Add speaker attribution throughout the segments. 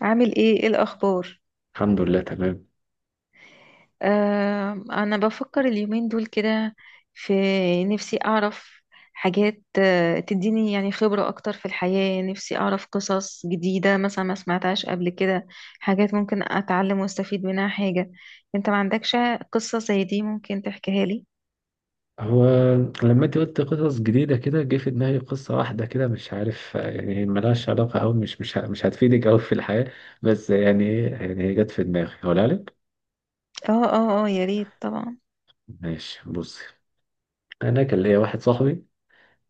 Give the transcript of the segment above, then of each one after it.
Speaker 1: عامل ايه الاخبار؟
Speaker 2: الحمد لله تمام.
Speaker 1: انا بفكر اليومين دول كده. في نفسي اعرف حاجات تديني يعني خبرة اكتر في الحياة. نفسي اعرف قصص جديدة مثلا ما سمعتهاش قبل كده، حاجات ممكن اتعلم واستفيد منها. حاجة، انت ما عندكش قصة زي دي ممكن تحكيها لي؟
Speaker 2: هو لما انت قلت قصص جديدة كده جه في دماغي قصة واحدة كده، مش عارف، يعني هي ملهاش علاقة أوي، مش هتفيدك أوي في الحياة. بس يعني ايه، يعني هي جت في دماغي هقولها لك.
Speaker 1: اه اه اه، يا ريت طبعا.
Speaker 2: ماشي، بصي. أنا كان ليا واحد صاحبي،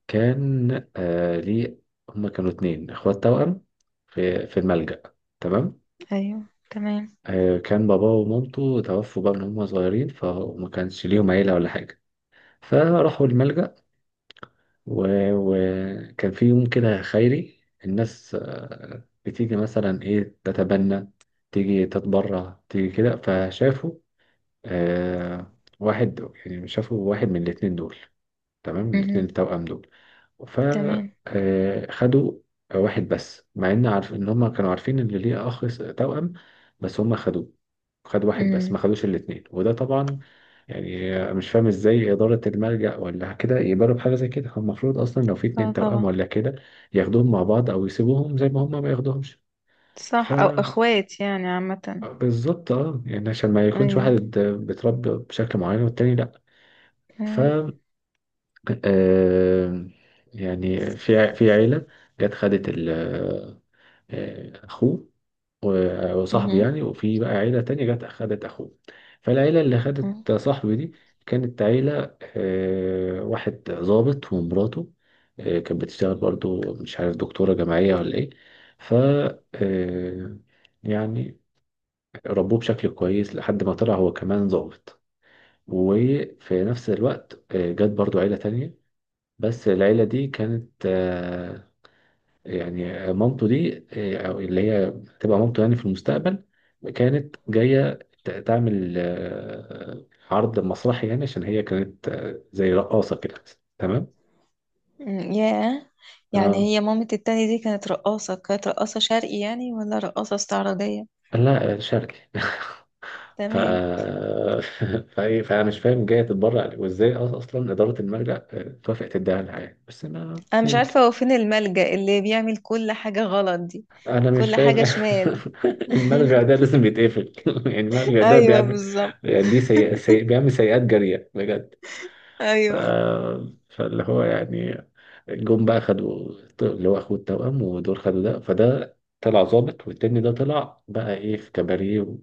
Speaker 2: كان ليه، هما كانوا اتنين اخوات توأم في الملجأ، تمام.
Speaker 1: ايوه، تمام.
Speaker 2: آه، كان باباه ومامته توفوا بقى من هما صغيرين، فما كانش ليهم عيلة ولا حاجة، فراحوا الملجأ. وكان في يوم كده خيري الناس، بتيجي مثلا ايه تتبنى، تيجي تتبرع، تيجي كده، فشافوا آه واحد، يعني شافوا واحد من الاتنين دول، تمام، الاتنين
Speaker 1: مهم.
Speaker 2: التوأم دول.
Speaker 1: تمام.
Speaker 2: فخدوا واحد بس، مع ان عارف ان هم كانوا عارفين ان ليه اخ توأم، بس هم خدوه، خدوا واحد بس ما
Speaker 1: مهم.
Speaker 2: خدوش الاتنين. وده طبعا يعني مش فاهم ازاي إدارة الملجأ ولا كده يقبلوا بحاجة زي كده، هم المفروض أصلا لو في اتنين
Speaker 1: اه،
Speaker 2: توأم
Speaker 1: طبعا.
Speaker 2: ولا كده ياخدوهم مع بعض أو يسيبوهم زي ما هم، ما ياخدوهمش. ف
Speaker 1: صح، او اخوات يعني عامة.
Speaker 2: بالظبط اه، يعني عشان ما يكونش واحد
Speaker 1: ايوه.
Speaker 2: بيتربى بشكل معين والتاني لأ. ف
Speaker 1: مهم.
Speaker 2: آه يعني في في عيلة جت خدت ال اخوه، وصاحبه يعني، وفي بقى عيله تانية جت اخدت اخوه. فالعيله اللي
Speaker 1: مهم.
Speaker 2: اخدت صاحبي دي كانت عيله واحد ضابط ومراته، كانت بتشتغل برضو، مش عارف دكتوره جامعيه ولا ايه. ف آه، يعني ربوه بشكل كويس لحد ما طلع هو كمان ضابط. وفي نفس الوقت جت برضو عيله تانية، بس العيلة دي كانت يعني مامته دي أو اللي هي تبقى مامته يعني في المستقبل، كانت جاية تعمل عرض مسرحي يعني، عشان هي كانت زي رقاصة كده، تمام.
Speaker 1: أمم، ياه. يعني
Speaker 2: اه
Speaker 1: هي مامة التاني دي كانت رقاصة كانت رقاصة شرقي يعني، ولا رقاصة استعراضية؟
Speaker 2: لا شرقي. ف...
Speaker 1: تمام.
Speaker 2: فايه، فانا مش فاهم جايه تتبرع ليه وازاي اصلا اداره المرجع توافق تديها لها يعني، بس انا
Speaker 1: أنا مش
Speaker 2: يمكن
Speaker 1: عارفة هو فين الملجأ اللي بيعمل كل حاجة غلط دي،
Speaker 2: انا مش
Speaker 1: كل حاجة
Speaker 2: فاهم.
Speaker 1: شمال.
Speaker 2: المرجع ده لازم يتقفل. يعني المرجع ده
Speaker 1: ايوه،
Speaker 2: بيعمل،
Speaker 1: بالظبط.
Speaker 2: يعني دي بيعمل سيئات جاريه بجد. ف...
Speaker 1: ايوه.
Speaker 2: فاللي هو يعني جم بقى خدوا اللي هو اخوه التوأم، ودول خدوا ده، فده طلع ظابط، والتاني ده طلع بقى ايه في كباريه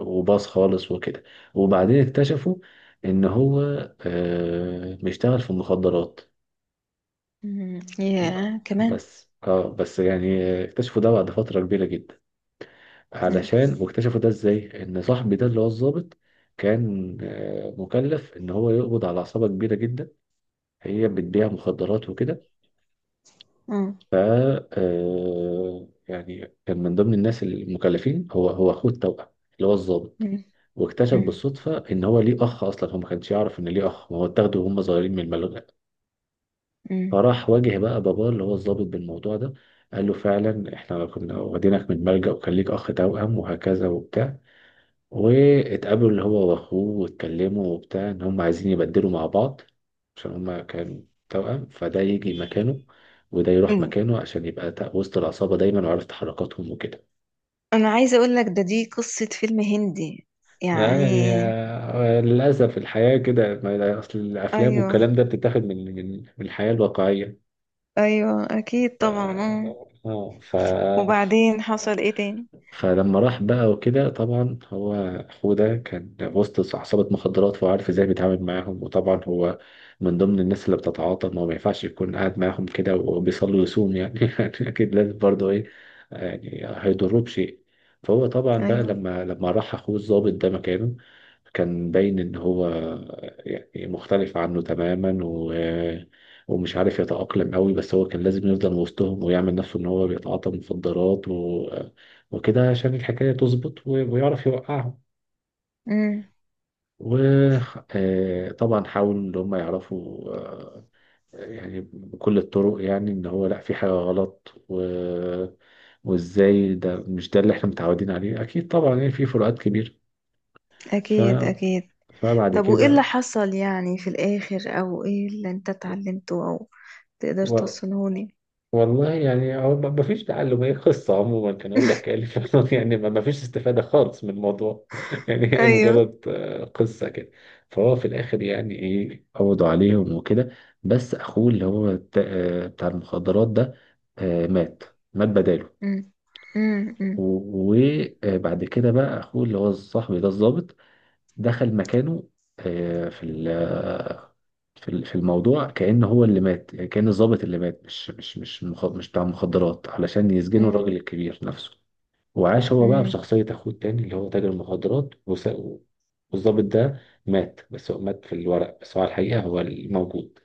Speaker 2: وباص خالص وكده. وبعدين اكتشفوا ان هو بيشتغل في المخدرات.
Speaker 1: أمم، ياه كمان.
Speaker 2: بس اه، بس يعني اكتشفوا ده بعد فترة كبيرة جدا.
Speaker 1: أمم،
Speaker 2: علشان واكتشفوا ده ازاي ان صاحبي ده اللي هو الظابط، كان مكلف ان هو يقبض على عصابة كبيرة جدا هي بتبيع مخدرات وكده.
Speaker 1: مم.
Speaker 2: ف آه، يعني كان من ضمن الناس المكلفين هو اخوه التوأم اللي هو الضابط.
Speaker 1: أمم،
Speaker 2: واكتشف
Speaker 1: أمم،
Speaker 2: بالصدفة ان هو ليه اخ، اصلا هو ما كانش يعرف ان ليه اخ، ما هو اتاخده وهم صغيرين من الملجأ.
Speaker 1: أمم،
Speaker 2: فراح واجه بقى باباه اللي هو الضابط بالموضوع ده، قال له فعلا احنا كنا واخدينك من الملجأ وكان ليك اخ توأم وهكذا وبتاع. واتقابلوا اللي هو واخوه واتكلموا وبتاع ان هم عايزين يبدلوا مع بعض، عشان هم كانوا توأم، فده يجي مكانه وده يروح
Speaker 1: أمم.
Speaker 2: مكانه عشان يبقى وسط العصابة دايما وعارف تحركاتهم وكده.
Speaker 1: أنا عايزة أقول لك دي قصة فيلم هندي
Speaker 2: يعني
Speaker 1: يعني.
Speaker 2: للأسف الحياة كده، أصل الأفلام
Speaker 1: ايوه.
Speaker 2: والكلام ده بتتاخد من الحياة الواقعية.
Speaker 1: ايوه اكيد طبعا
Speaker 2: اه
Speaker 1: آه. وبعدين حصل ايه تاني؟
Speaker 2: فلما راح بقى وكده طبعا هو، أخوه ده كان وسط عصابة مخدرات فهو عارف ازاي بيتعامل معاهم، وطبعا هو من ضمن الناس اللي بتتعاطى، ما هو ما ينفعش يكون قاعد معاهم كده وبيصلي ويصوم يعني. يعني أكيد لازم برضه إيه، يعني هيضروه بشيء. فهو طبعا بقى
Speaker 1: أيوه.
Speaker 2: لما راح أخوه الضابط ده مكانه، كان باين إن هو يعني مختلف عنه تماما ومش عارف يتأقلم قوي، بس هو كان لازم يفضل وسطهم ويعمل نفسه إن هو بيتعاطى مخدرات وكده عشان الحكاية تظبط ويعرف يوقعهم.
Speaker 1: أمم.
Speaker 2: وطبعا حاول ان هم يعرفوا يعني بكل الطرق يعني ان هو لا في حاجة غلط وازاي ده مش ده اللي احنا متعودين عليه اكيد طبعا، يعني في فروقات كبيرة. ف...
Speaker 1: أكيد أكيد.
Speaker 2: فبعد
Speaker 1: طب وإيه اللي
Speaker 2: كده
Speaker 1: حصل يعني في الآخر، أو إيه اللي أنت اتعلمته، أو تقدر
Speaker 2: و...
Speaker 1: توصلهوني؟
Speaker 2: والله يعني هو ما فيش تعلم، هي قصة عموما كان هو بيحكي لي فعلا. يعني ما فيش استفادة خالص من الموضوع. يعني هي
Speaker 1: أيوه.
Speaker 2: مجرد قصة كده. فهو في الآخر يعني إيه قبضوا عليهم وكده، بس أخوه اللي هو بتاع بتاع المخدرات ده مات، مات بداله.
Speaker 1: أمم، أمم، أمم،
Speaker 2: و- وبعد كده بقى أخوه اللي هو صاحبي ده الضابط دخل مكانه في في في الموضوع كأن هو اللي مات، يعني كأن الضابط اللي مات مش بتاع مخدرات علشان يسجنوا
Speaker 1: أمم،
Speaker 2: الراجل الكبير نفسه. وعاش هو بقى
Speaker 1: أمم،
Speaker 2: بشخصية أخوه التاني اللي هو تاجر مخدرات والضابط ده مات، بس هو مات في الورق، بس هو على الحقيقة هو الموجود.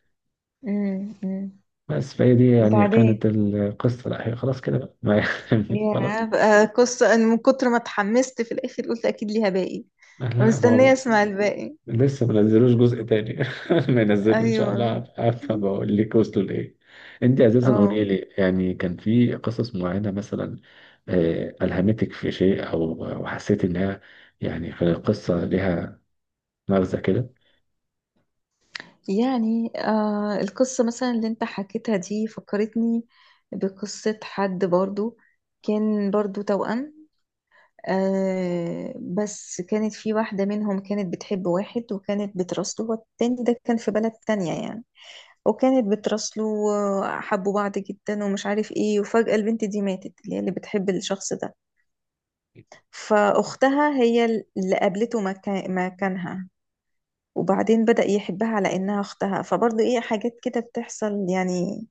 Speaker 1: أمم، أمم.
Speaker 2: بس فهي دي يعني
Speaker 1: بعدين
Speaker 2: كانت القصة، لا هي خلاص كده بقى. يعني،
Speaker 1: يا
Speaker 2: خلاص.
Speaker 1: بقى قصة، أنا من كتر ما اتحمست في الآخر قلت أكيد ليها باقي،
Speaker 2: لا ما
Speaker 1: ومستنية
Speaker 2: هو
Speaker 1: أسمع الباقي.
Speaker 2: لسه ما نزلوش جزء تاني. ما ينزلوا ان شاء الله
Speaker 1: أيوه.
Speaker 2: هبقى بقول لك وصلوا لايه. انت اساسا
Speaker 1: اه،
Speaker 2: قولي لي، يعني كان في قصص معينه مثلا الهمتك في شيء او أو حسيت انها يعني في القصه لها مغزى كده.
Speaker 1: يعني القصة مثلا اللي انت حكيتها دي فكرتني بقصة حد برضو كان برضو توأم. بس كانت في واحدة منهم كانت بتحب واحد، وكانت بتراسله، والتاني ده كان في بلد تانية يعني. وكانت بتراسله وحبوا بعض جدا ومش عارف ايه، وفجأة البنت دي ماتت، اللي هي اللي بتحب الشخص ده. فأختها هي اللي قابلته مكانها. وبعدين بدأ يحبها على إنها أختها، فبرضه ايه حاجات كده بتحصل يعني.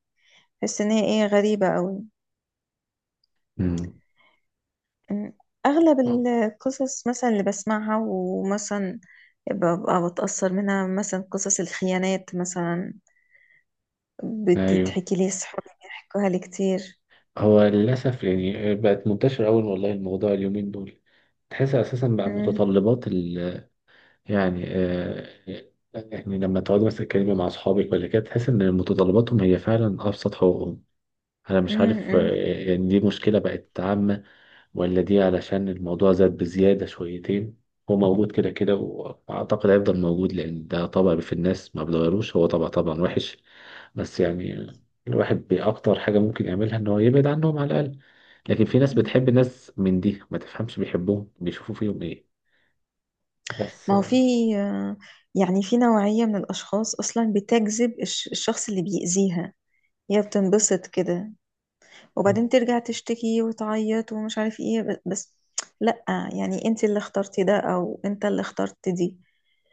Speaker 1: تحس إن هي ايه غريبة أوي.
Speaker 2: امم
Speaker 1: أمم. أغلب القصص مثلا اللي بسمعها، ومثلا ببقى بتأثر منها، مثلا قصص الخيانات مثلا،
Speaker 2: ايوه.
Speaker 1: بتتحكي لي، صحابي بيحكوها لي كتير.
Speaker 2: هو للاسف يعني بقت منتشره قوي والله الموضوع اليومين دول، تحس اساسا بقى
Speaker 1: أمم،
Speaker 2: متطلبات، يعني يعني لما تقعد مثلا تتكلمي مع أصحابك ولا كده تحس إن متطلباتهم هي فعلا أبسط حقوقهم. أنا مش
Speaker 1: أمم،
Speaker 2: عارف
Speaker 1: أمم،
Speaker 2: يعني دي مشكلة بقت عامة ولا دي علشان الموضوع زاد بزيادة شويتين. هو موجود كده كده وأعتقد هيفضل موجود، لأن ده طبع في الناس ما بيتغيروش، هو طبع طبعا وحش. بس يعني الواحد بأكتر حاجة ممكن يعملها إن هو يبعد عنهم على الأقل، لكن في ناس
Speaker 1: أمم.
Speaker 2: بتحب ناس من دي، ما تفهمش بيحبوهم بيشوفوا فيهم إيه. بس
Speaker 1: ما هو في آه، يعني في نوعية من الأشخاص أصلا بتجذب الشخص اللي بيأذيها، هي بتنبسط كده، وبعدين ترجع تشتكي وتعيط ومش عارف ايه، بس لأ، يعني انت اللي اخترتي ده، أو انت اللي اخترت دي.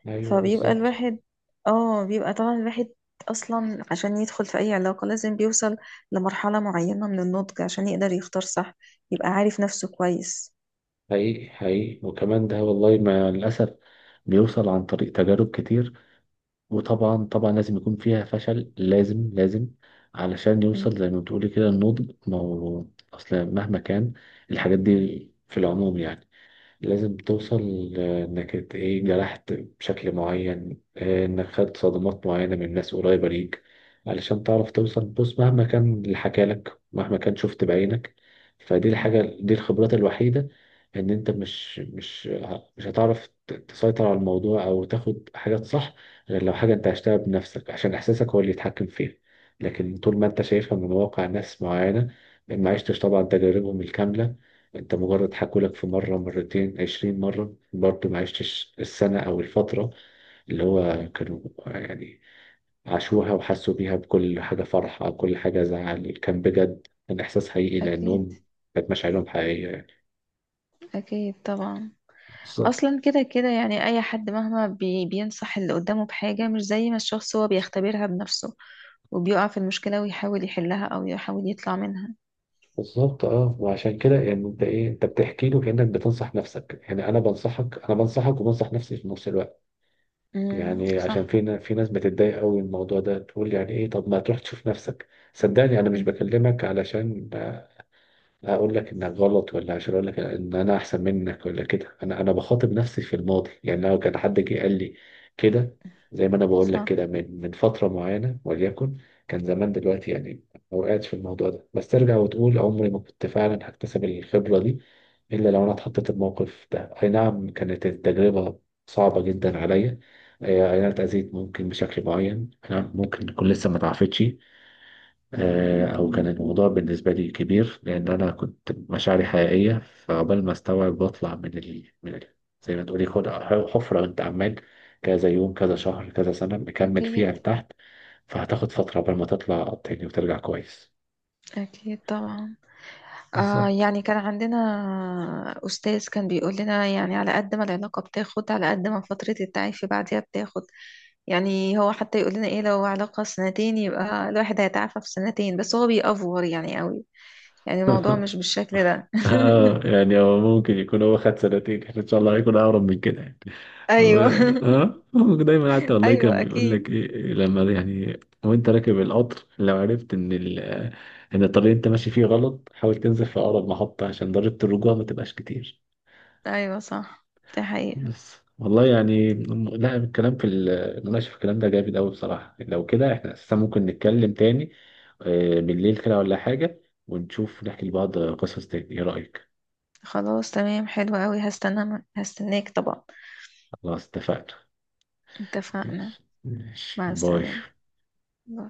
Speaker 2: أيوه
Speaker 1: فبيبقى
Speaker 2: بالظبط.
Speaker 1: الواحد اه بيبقى طبعا الواحد اصلا عشان يدخل في اي علاقة لازم بيوصل لمرحلة معينة من النضج عشان يقدر يختار صح، يبقى عارف نفسه كويس.
Speaker 2: حقيقي حقيقي، وكمان ده والله مع الأسف بيوصل عن طريق تجارب كتير، وطبعا طبعا لازم يكون فيها فشل، لازم لازم علشان
Speaker 1: مم.
Speaker 2: يوصل زي ما بتقولي كده النضج، ما هو أصل مهما كان الحاجات دي في العموم يعني لازم توصل، لإنك إيه جرحت بشكل معين، إنك خدت صدمات معينة من ناس قريبة ليك علشان تعرف توصل، بص مهما كان اللي حكالك مهما كان شفت بعينك، فدي
Speaker 1: مم.
Speaker 2: الحاجة دي الخبرات الوحيدة. إن أنت مش هتعرف تسيطر على الموضوع أو تاخد حاجات صح غير لو حاجة أنت عشتها بنفسك، عشان إحساسك هو اللي يتحكم فيها. لكن طول ما أنت شايفها من واقع ناس معينة، ما عشتش طبعا تجاربهم الكاملة، انت مجرد حكولك في مرة مرتين 20 مرة، برضه ما عشتش السنة أو الفترة اللي هو كانوا يعني عاشوها وحسوا بيها، بكل حاجة فرح أو كل حاجة زعل كان بجد، كان إحساس حقيقي
Speaker 1: أكيد
Speaker 2: لأنهم كانت مشاعرهم حقيقية يعني.
Speaker 1: أكيد طبعا.
Speaker 2: بالظبط.
Speaker 1: أصلا كده كده يعني أي حد مهما بينصح اللي قدامه بحاجة مش زي ما الشخص هو بيختبرها بنفسه، وبيقع في المشكلة ويحاول يحلها أو يحاول يطلع منها.
Speaker 2: بالظبط اه، وعشان كده يعني انت ايه انت بتحكي له كانك بتنصح نفسك، يعني انا بنصحك انا بنصحك وبنصح نفسي في نفس الوقت.
Speaker 1: مم.
Speaker 2: يعني عشان
Speaker 1: صح.
Speaker 2: في في ناس بتتضايق قوي من الموضوع ده، تقول يعني ايه طب ما تروح تشوف نفسك. صدقني انا مش
Speaker 1: مم.
Speaker 2: بكلمك علشان هقول لك انك غلط ولا عشان اقول لك ان انا احسن منك ولا كده، انا بخاطب نفسي في الماضي، يعني لو كان حد جه قال لي كده زي ما انا بقول لك
Speaker 1: صح.
Speaker 2: كده من فتره معينه وليكن كان زمان دلوقتي، يعني ما وقعتش في الموضوع ده، بس ترجع وتقول عمري ما كنت فعلا هكتسب الخبره دي الا لو انا اتحطيت الموقف ده. اي نعم كانت التجربه صعبه جدا عليا، اي أي نعم اتاذيت ممكن بشكل معين، أي نعم ممكن تكون لسه ما اتعافتش، او كان الموضوع بالنسبه لي كبير لان انا كنت مشاعري حقيقيه، فعقبال ما استوعب بطلع من زي ما تقولي خد حفره انت عمال كذا يوم كذا شهر كذا سنه مكمل
Speaker 1: أكيد
Speaker 2: فيها لتحت، فهتاخد فتره عقبال ما تطلع تاني وترجع كويس.
Speaker 1: أكيد طبعا.
Speaker 2: بالظبط.
Speaker 1: يعني كان عندنا أستاذ كان بيقول لنا يعني على قد ما العلاقة بتاخد، على قد ما فترة التعافي بعدها بتاخد. يعني هو حتى يقول لنا إيه، لو علاقة سنتين يبقى الواحد هيتعافى في سنتين، بس هو بيأفور يعني قوي، يعني الموضوع مش بالشكل ده.
Speaker 2: اه يعني هو ممكن يكون هو خد سنتين، احنا ان شاء الله هيكون اقرب من كده يعني. هو
Speaker 1: أيوه.
Speaker 2: اه هو دايما حتى والله
Speaker 1: أيوه
Speaker 2: كان بيقول لك
Speaker 1: أكيد.
Speaker 2: ايه، لما يعني وانت راكب القطر لو عرفت ان ان الطريق اللي انت ماشي فيه غلط، حاول تنزل في اقرب محطة عشان ضريبة الرجوع ما تبقاش كتير.
Speaker 1: أيوه صح، دي حقيقة.
Speaker 2: بس والله يعني لا الكلام في المناقشة في الكلام ده جامد قوي بصراحة، لو كده احنا اساسا ممكن نتكلم تاني بالليل كده ولا حاجة، ونشوف نحكي لبعض قصص تاني، ايه رأيك؟
Speaker 1: خلاص تمام، حلو قوي، هستناك طبعا.
Speaker 2: خلاص اتفقنا.
Speaker 1: اتفقنا.
Speaker 2: ماشي ماشي،
Speaker 1: مع
Speaker 2: باي.
Speaker 1: السلامة. باي.